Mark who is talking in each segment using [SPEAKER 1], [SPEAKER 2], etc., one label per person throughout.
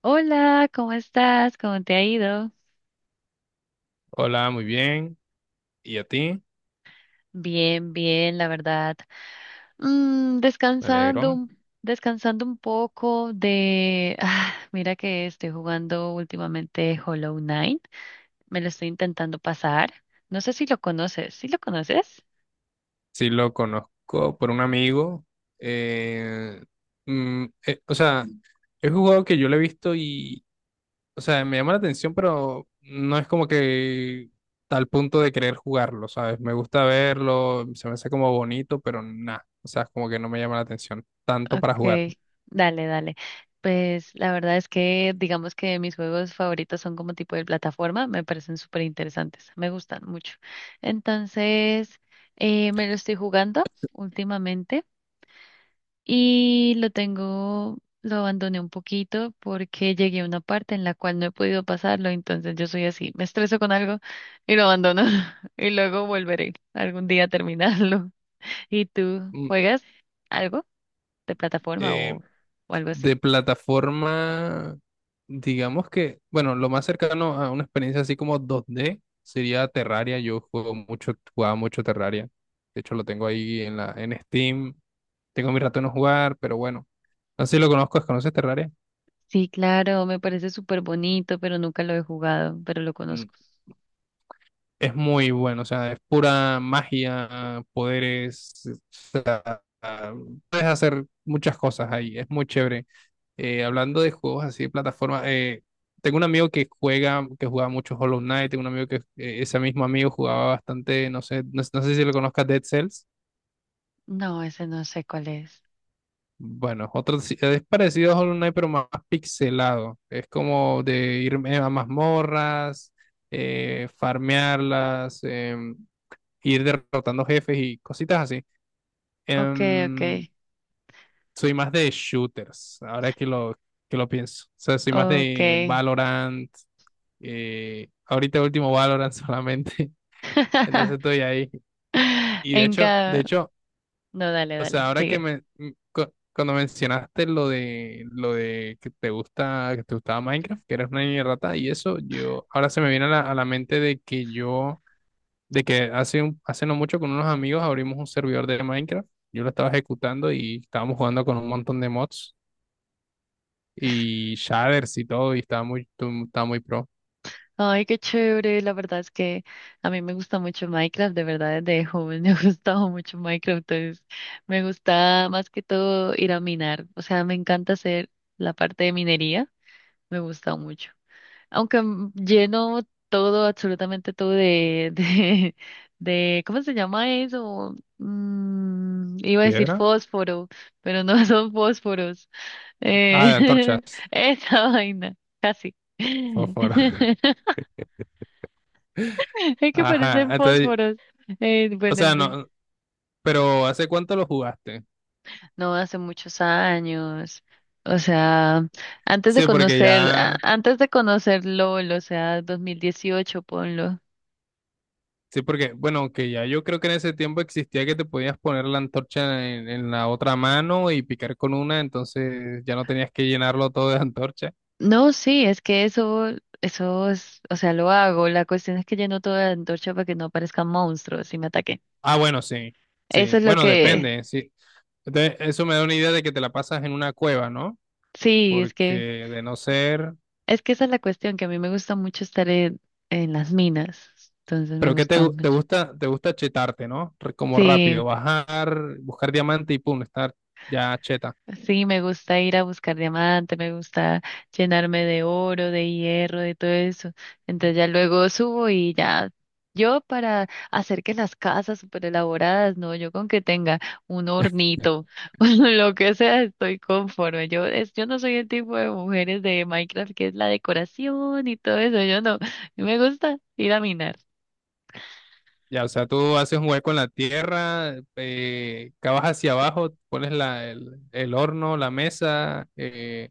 [SPEAKER 1] Hola, ¿cómo estás? ¿Cómo te ha ido?
[SPEAKER 2] Hola, muy bien. ¿Y a ti?
[SPEAKER 1] Bien, bien, la verdad.
[SPEAKER 2] Me
[SPEAKER 1] Descansando,
[SPEAKER 2] alegro.
[SPEAKER 1] descansando un poco de... ah, mira que estoy jugando últimamente Hollow Knight. Me lo estoy intentando pasar. No sé si lo conoces. ¿Sí lo conoces?
[SPEAKER 2] Sí, lo conozco por un amigo. Eh, o sea, es un juego que yo lo he visto o sea, me llama la atención, pero no es como que tal punto de querer jugarlo, ¿sabes? Me gusta verlo, se me hace como bonito, pero nada. O sea, como que no me llama la atención tanto para jugarlo.
[SPEAKER 1] Okay, dale, dale. Pues la verdad es que digamos que mis juegos favoritos son como tipo de plataforma, me parecen súper interesantes, me gustan mucho. Entonces, me lo estoy jugando últimamente y lo tengo, lo abandoné un poquito porque llegué a una parte en la cual no he podido pasarlo, entonces yo soy así, me estreso con algo y lo abandono y luego volveré algún día a terminarlo. ¿Y tú
[SPEAKER 2] Mm,
[SPEAKER 1] juegas algo? ¿De plataforma
[SPEAKER 2] eh,
[SPEAKER 1] o algo así?
[SPEAKER 2] De plataforma, digamos que, bueno, lo más cercano a una experiencia así como dos d sería Terraria. Jugaba mucho Terraria. De hecho, lo tengo ahí en en Steam. Tengo mi rato de no jugar, pero bueno. No sé si lo conozco, ¿conoces Terraria?
[SPEAKER 1] Sí, claro, me parece súper bonito, pero nunca lo he jugado, pero lo
[SPEAKER 2] Mm,
[SPEAKER 1] conozco.
[SPEAKER 2] Es muy bueno, o sea, es pura magia, poderes. Ah, Puedes hacer muchas cosas ahí, es muy chévere. Hablando de juegos así de plataforma, tengo un amigo que jugaba mucho Hollow Knight. Tengo un amigo que ese mismo amigo jugaba bastante, no sé, no sé si lo conozcas, Dead Cells.
[SPEAKER 1] No, ese no sé cuál es.
[SPEAKER 2] Bueno, otro si- es parecido a Hollow Knight, pero más pixelado. Es como de irme a mazmorras, farmearlas, ir derrotando jefes y cositas así.
[SPEAKER 1] Ok, ok,
[SPEAKER 2] Em, Soy más de shooters, ahora que que lo pienso. O sea, soy más de
[SPEAKER 1] ok.
[SPEAKER 2] Valorant, ahorita último Valorant solamente, entonces estoy ahí. Y de
[SPEAKER 1] En
[SPEAKER 2] hecho, de
[SPEAKER 1] cada...
[SPEAKER 2] hecho,
[SPEAKER 1] No, dale,
[SPEAKER 2] o sea,
[SPEAKER 1] dale,
[SPEAKER 2] ahora que
[SPEAKER 1] sigue.
[SPEAKER 2] cuando mencionaste lo lo de que te gusta, que te gustaba Minecraft, que eres una niña rata y eso, yo, ahora se me viene a a la mente de que yo, de que hace hace no mucho con unos amigos abrimos un servidor de Minecraft. Yo lo estaba ejecutando y estábamos jugando con un montón de mods y shaders y todo, y estaba estaba muy pro.
[SPEAKER 1] Ay, qué chévere. La verdad es que a mí me gusta mucho Minecraft, de verdad, desde joven me ha gustado mucho Minecraft. Entonces, me gusta más que todo ir a minar. O sea, me encanta hacer la parte de minería, me gusta mucho. Aunque lleno todo, absolutamente todo ¿cómo se llama eso? Iba a decir
[SPEAKER 2] ¿Piedra?
[SPEAKER 1] fósforo, pero no son fósforos.
[SPEAKER 2] Ah, de
[SPEAKER 1] Eh,
[SPEAKER 2] antorchas,
[SPEAKER 1] esa vaina, casi.
[SPEAKER 2] fósforo.
[SPEAKER 1] Es que
[SPEAKER 2] Ajá,
[SPEAKER 1] parecen
[SPEAKER 2] entonces,
[SPEAKER 1] fósforos.
[SPEAKER 2] o
[SPEAKER 1] Bueno,
[SPEAKER 2] sea,
[SPEAKER 1] en fin,
[SPEAKER 2] no, pero ¿hace cuánto lo jugaste?
[SPEAKER 1] no hace muchos años. O sea, antes de
[SPEAKER 2] Sí, porque
[SPEAKER 1] conocer,
[SPEAKER 2] ya,
[SPEAKER 1] antes de conocer LOL, o sea, 2018, ponlo.
[SPEAKER 2] sí, porque, bueno, que ya yo creo que en ese tiempo existía que te podías poner la antorcha en la otra mano y picar con una, entonces ya no tenías que llenarlo todo de antorcha.
[SPEAKER 1] No, sí, es que eso es, o sea, lo hago. La cuestión es que lleno toda la antorcha para que no aparezcan monstruos y me ataquen.
[SPEAKER 2] Ah, bueno, sí,
[SPEAKER 1] Eso
[SPEAKER 2] sí,
[SPEAKER 1] es lo
[SPEAKER 2] bueno,
[SPEAKER 1] que,
[SPEAKER 2] depende, sí. Entonces, eso me da una idea de que te la pasas en una cueva, ¿no?
[SPEAKER 1] sí,
[SPEAKER 2] Porque de no ser...
[SPEAKER 1] es que esa es la cuestión, que a mí me gusta mucho estar en las minas. Entonces me
[SPEAKER 2] Pero qué
[SPEAKER 1] gusta mucho.
[SPEAKER 2] te gusta chetarte, ¿no? Re- como
[SPEAKER 1] Sí,
[SPEAKER 2] rápido, bajar, buscar diamante y pum, estar ya cheta.
[SPEAKER 1] Sí, me gusta ir a buscar diamante, me gusta llenarme de oro, de hierro, de todo eso. Entonces ya luego subo y ya yo para hacer que las casas súper elaboradas, no, yo con que tenga un hornito o lo que sea, estoy conforme. Yo no soy el tipo de mujeres de Minecraft que es la decoración y todo eso, yo no. Me gusta ir a minar.
[SPEAKER 2] Ya, o sea, tú haces un hueco en la tierra, cavas hacia abajo, pones el horno, la mesa,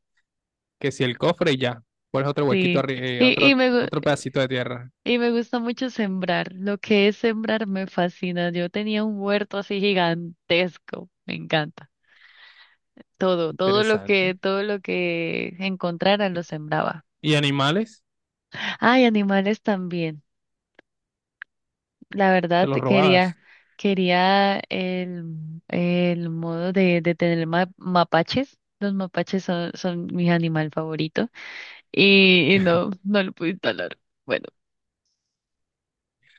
[SPEAKER 2] que si el cofre y ya. Pones otro huequito
[SPEAKER 1] Sí,
[SPEAKER 2] arriba,
[SPEAKER 1] y, y me, gu-
[SPEAKER 2] otro pedacito de tierra.
[SPEAKER 1] y me gusta mucho sembrar. Lo que es sembrar me fascina. Yo tenía un huerto así gigantesco. Me encanta. Todo,
[SPEAKER 2] Interesante.
[SPEAKER 1] todo lo que encontrara lo
[SPEAKER 2] ¿Y
[SPEAKER 1] sembraba.
[SPEAKER 2] y animales?
[SPEAKER 1] Ay, animales también. La
[SPEAKER 2] Te
[SPEAKER 1] verdad
[SPEAKER 2] los
[SPEAKER 1] te quería,
[SPEAKER 2] robabas.
[SPEAKER 1] quería el modo de tener mapaches. Los mapaches son mi animal favorito. Y no, no lo pude instalar. Bueno,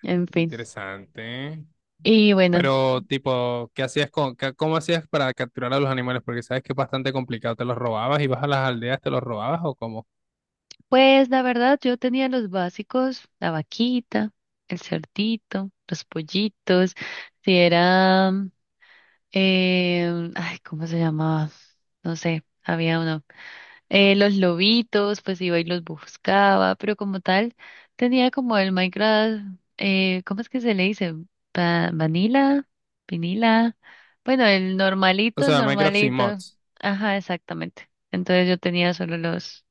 [SPEAKER 1] en fin.
[SPEAKER 2] Interesante.
[SPEAKER 1] Y bueno.
[SPEAKER 2] Pero, tipo, ¿qué cómo hacías para capturar a los animales? Porque sabes que es bastante complicado. ¿Te los robabas? ¿Ibas a las aldeas, te los robabas o cómo?
[SPEAKER 1] Pues la verdad, yo tenía los básicos, la vaquita, el cerdito, los pollitos, si era, ay, ¿cómo se llamaba? No sé, había uno. Los lobitos, pues iba y los buscaba, pero como tal, tenía como el Minecraft, ¿cómo es que se le dice? Vanilla, vinila, bueno, el
[SPEAKER 2] O
[SPEAKER 1] normalito, el
[SPEAKER 2] sea, Minecraft sin
[SPEAKER 1] normalito.
[SPEAKER 2] mods.
[SPEAKER 1] Ajá, exactamente. Entonces yo tenía solo los...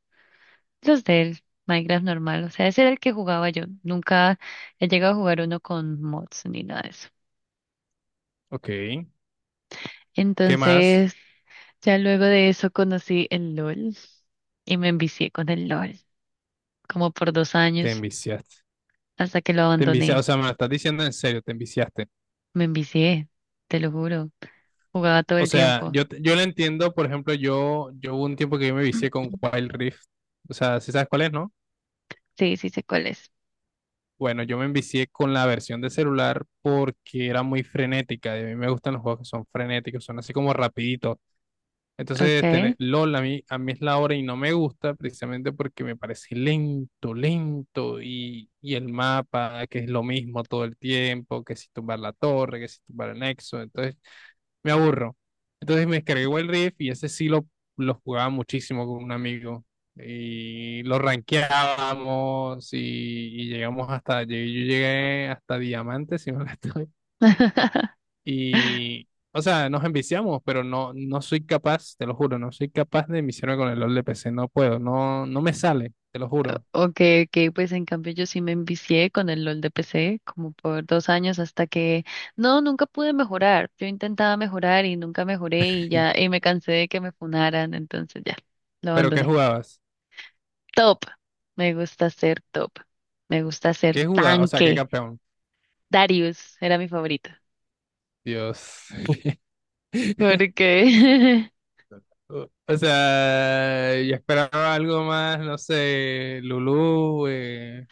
[SPEAKER 1] Los del Minecraft normal, o sea, ese era el que jugaba yo. Nunca he llegado a jugar uno con mods ni nada de eso.
[SPEAKER 2] Ok. ¿Qué más?
[SPEAKER 1] Entonces, ya luego de eso conocí el LOL y me envicié con el LOL, como por dos
[SPEAKER 2] Te
[SPEAKER 1] años,
[SPEAKER 2] enviciaste.
[SPEAKER 1] hasta que lo
[SPEAKER 2] Te enviciaste. O
[SPEAKER 1] abandoné.
[SPEAKER 2] sea, me lo estás diciendo en serio, te enviciaste.
[SPEAKER 1] Me envicié, te lo juro. Jugaba todo
[SPEAKER 2] O
[SPEAKER 1] el
[SPEAKER 2] sea,
[SPEAKER 1] tiempo.
[SPEAKER 2] yo lo entiendo. Por ejemplo, yo hubo un tiempo que yo me vicié con Wild Rift. O sea, si sabes cuál es, ¿no?
[SPEAKER 1] Sí, sí sé cuál es.
[SPEAKER 2] Bueno, yo me envicié con la versión de celular porque era muy frenética. Y a mí me gustan los juegos que son frenéticos, son así como rapiditos. Entonces, tener
[SPEAKER 1] Okay.
[SPEAKER 2] LOL a mí es la hora y no me gusta precisamente porque me parece lento, lento y el mapa, que es lo mismo todo el tiempo, que si tumbar la torre, que si tumbar el nexo, entonces me aburro. Entonces me descargué el Rift y ese sí lo jugaba muchísimo con un amigo y lo rankeábamos y llegamos yo llegué hasta Diamante, si no me estoy y, o sea, nos enviciamos, pero no, no soy capaz, te lo juro, no soy capaz de enviciarme con el LOL de P C, no puedo, no me sale, te lo juro.
[SPEAKER 1] Ok, ok, pues en cambio yo sí me envicié con el LOL de PC como por dos años hasta que no, nunca pude mejorar. Yo intentaba mejorar y nunca mejoré y ya, y me cansé de que me funaran, entonces ya, lo
[SPEAKER 2] Pero ¿qué
[SPEAKER 1] abandoné.
[SPEAKER 2] jugabas?
[SPEAKER 1] Top, me gusta ser top, me gusta ser
[SPEAKER 2] ¿Qué jugabas? O sea, ¿qué
[SPEAKER 1] tanque.
[SPEAKER 2] campeón?
[SPEAKER 1] Darius era mi favorito.
[SPEAKER 2] Dios.
[SPEAKER 1] ¿Por qué?
[SPEAKER 2] O sea, yo esperaba algo más, no sé, Lulu,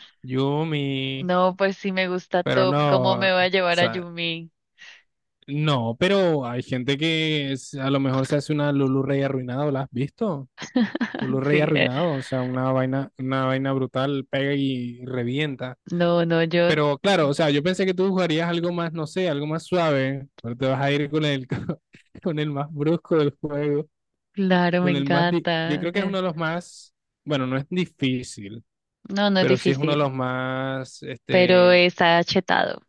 [SPEAKER 2] Yumi,
[SPEAKER 1] No, pues sí me gusta
[SPEAKER 2] pero
[SPEAKER 1] top, ¿cómo
[SPEAKER 2] no,
[SPEAKER 1] me
[SPEAKER 2] o
[SPEAKER 1] va a llevar a
[SPEAKER 2] sea,
[SPEAKER 1] Yumi?
[SPEAKER 2] no, pero hay gente a lo mejor se hace una Lulu Rey arruinada, ¿la has visto? Blu Rey
[SPEAKER 1] Sí,
[SPEAKER 2] arruinado, o sea, una vaina brutal, pega y revienta.
[SPEAKER 1] No, no, yo,
[SPEAKER 2] Pero claro, o sea, yo pensé que tú jugarías algo más, no sé, algo más suave, pero te vas a ir con el, con el más brusco del juego,
[SPEAKER 1] claro, me
[SPEAKER 2] con el yo
[SPEAKER 1] encanta.
[SPEAKER 2] creo que es uno de los más, bueno, no es difícil,
[SPEAKER 1] No, no es
[SPEAKER 2] pero sí es uno de los
[SPEAKER 1] difícil.
[SPEAKER 2] más,
[SPEAKER 1] Pero
[SPEAKER 2] este,
[SPEAKER 1] está chetado.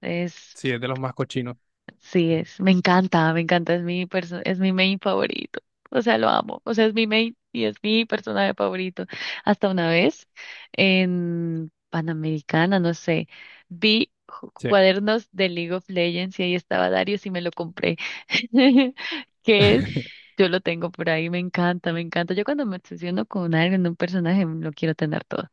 [SPEAKER 1] Es,
[SPEAKER 2] sí, es de los más cochinos,
[SPEAKER 1] sí es, me encanta, es mi main favorito. O sea, lo amo. O sea, es mi main y es mi personaje favorito. Hasta una vez en Panamericana, no sé,
[SPEAKER 2] sí.
[SPEAKER 1] cuadernos de League of Legends y ahí estaba Darius y me lo compré. ¿Qué es? Yo lo tengo por ahí, me encanta, me encanta. Yo cuando me obsesiono con alguien en un personaje, lo quiero tener todo.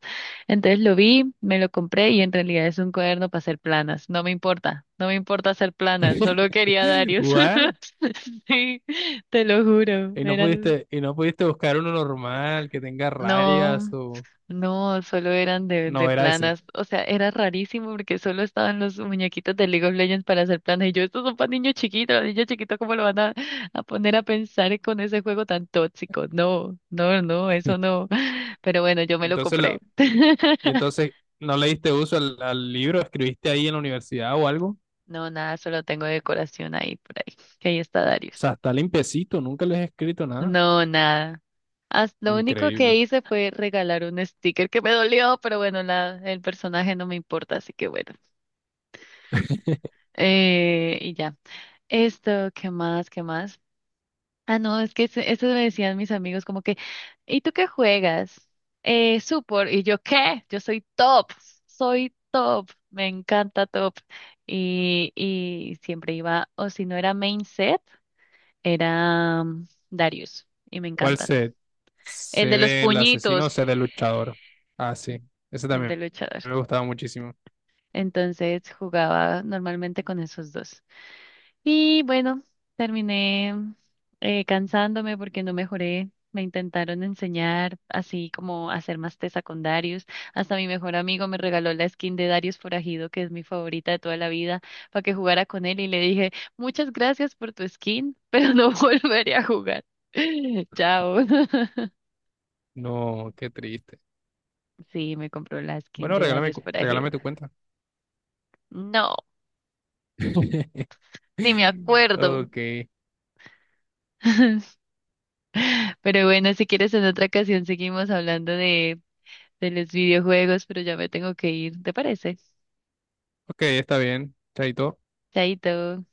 [SPEAKER 1] Entonces lo vi, me lo compré y en realidad es un cuaderno para hacer planas. No me importa, no me importa hacer planas, solo quería Darius.
[SPEAKER 2] What?
[SPEAKER 1] Sí, te lo juro,
[SPEAKER 2] ¿Y no
[SPEAKER 1] eran...
[SPEAKER 2] pudiste, buscar uno normal que tenga rayas
[SPEAKER 1] No,
[SPEAKER 2] o
[SPEAKER 1] no, solo eran de
[SPEAKER 2] no era ese?
[SPEAKER 1] planas. O sea, era rarísimo porque solo estaban los muñequitos de League of Legends para hacer planas. Y yo, estos son para niños chiquitos, los niños chiquitos, ¿cómo lo van a, ¿a poner a pensar con ese juego tan tóxico? No, no, no, eso no. Pero bueno, yo me lo
[SPEAKER 2] Entonces lo,
[SPEAKER 1] compré.
[SPEAKER 2] Y entonces, ¿no le diste uso al libro? ¿Escribiste ahí en la universidad o algo?
[SPEAKER 1] No, nada, solo tengo decoración ahí por ahí, que ahí está
[SPEAKER 2] O
[SPEAKER 1] Darius.
[SPEAKER 2] sea, está limpiecito, nunca les he escrito nada.
[SPEAKER 1] No, nada. Lo único que
[SPEAKER 2] Increíble.
[SPEAKER 1] hice fue regalar un sticker que me dolió, pero bueno, el personaje no me importa, así que bueno. Y ya. Esto, ¿qué más? ¿Qué más? Ah, no, es que eso me decían mis amigos como que, ¿y tú qué juegas? Support. ¿Y yo qué? Yo soy top, me encanta top. Y siempre iba, o si no era main set. Era Darius y me
[SPEAKER 2] ¿Cuál
[SPEAKER 1] encanta.
[SPEAKER 2] se ¿Se
[SPEAKER 1] El de los
[SPEAKER 2] del asesino
[SPEAKER 1] puñitos,
[SPEAKER 2] o se del luchador? Ah, sí. Ese
[SPEAKER 1] el de
[SPEAKER 2] también
[SPEAKER 1] luchador.
[SPEAKER 2] me gustaba muchísimo.
[SPEAKER 1] Entonces jugaba normalmente con esos dos. Y bueno, terminé cansándome porque no mejoré. Me intentaron enseñar así como a hacer más tesa con Darius. Hasta mi mejor amigo me regaló la skin de Darius Forajido, que es mi favorita de toda la vida, para que jugara con él. Y le dije, muchas gracias por tu skin, pero no volveré a jugar. Chao.
[SPEAKER 2] No, qué triste.
[SPEAKER 1] Sí, me compró la skin
[SPEAKER 2] Bueno,
[SPEAKER 1] de Darius Forajido.
[SPEAKER 2] regálame tu cuenta.
[SPEAKER 1] No, ni me acuerdo.
[SPEAKER 2] Ok,
[SPEAKER 1] Pero bueno, si quieres en otra ocasión seguimos hablando de los videojuegos, pero ya me tengo que ir, ¿te parece?
[SPEAKER 2] ok, está bien. Chaito.
[SPEAKER 1] Chaito.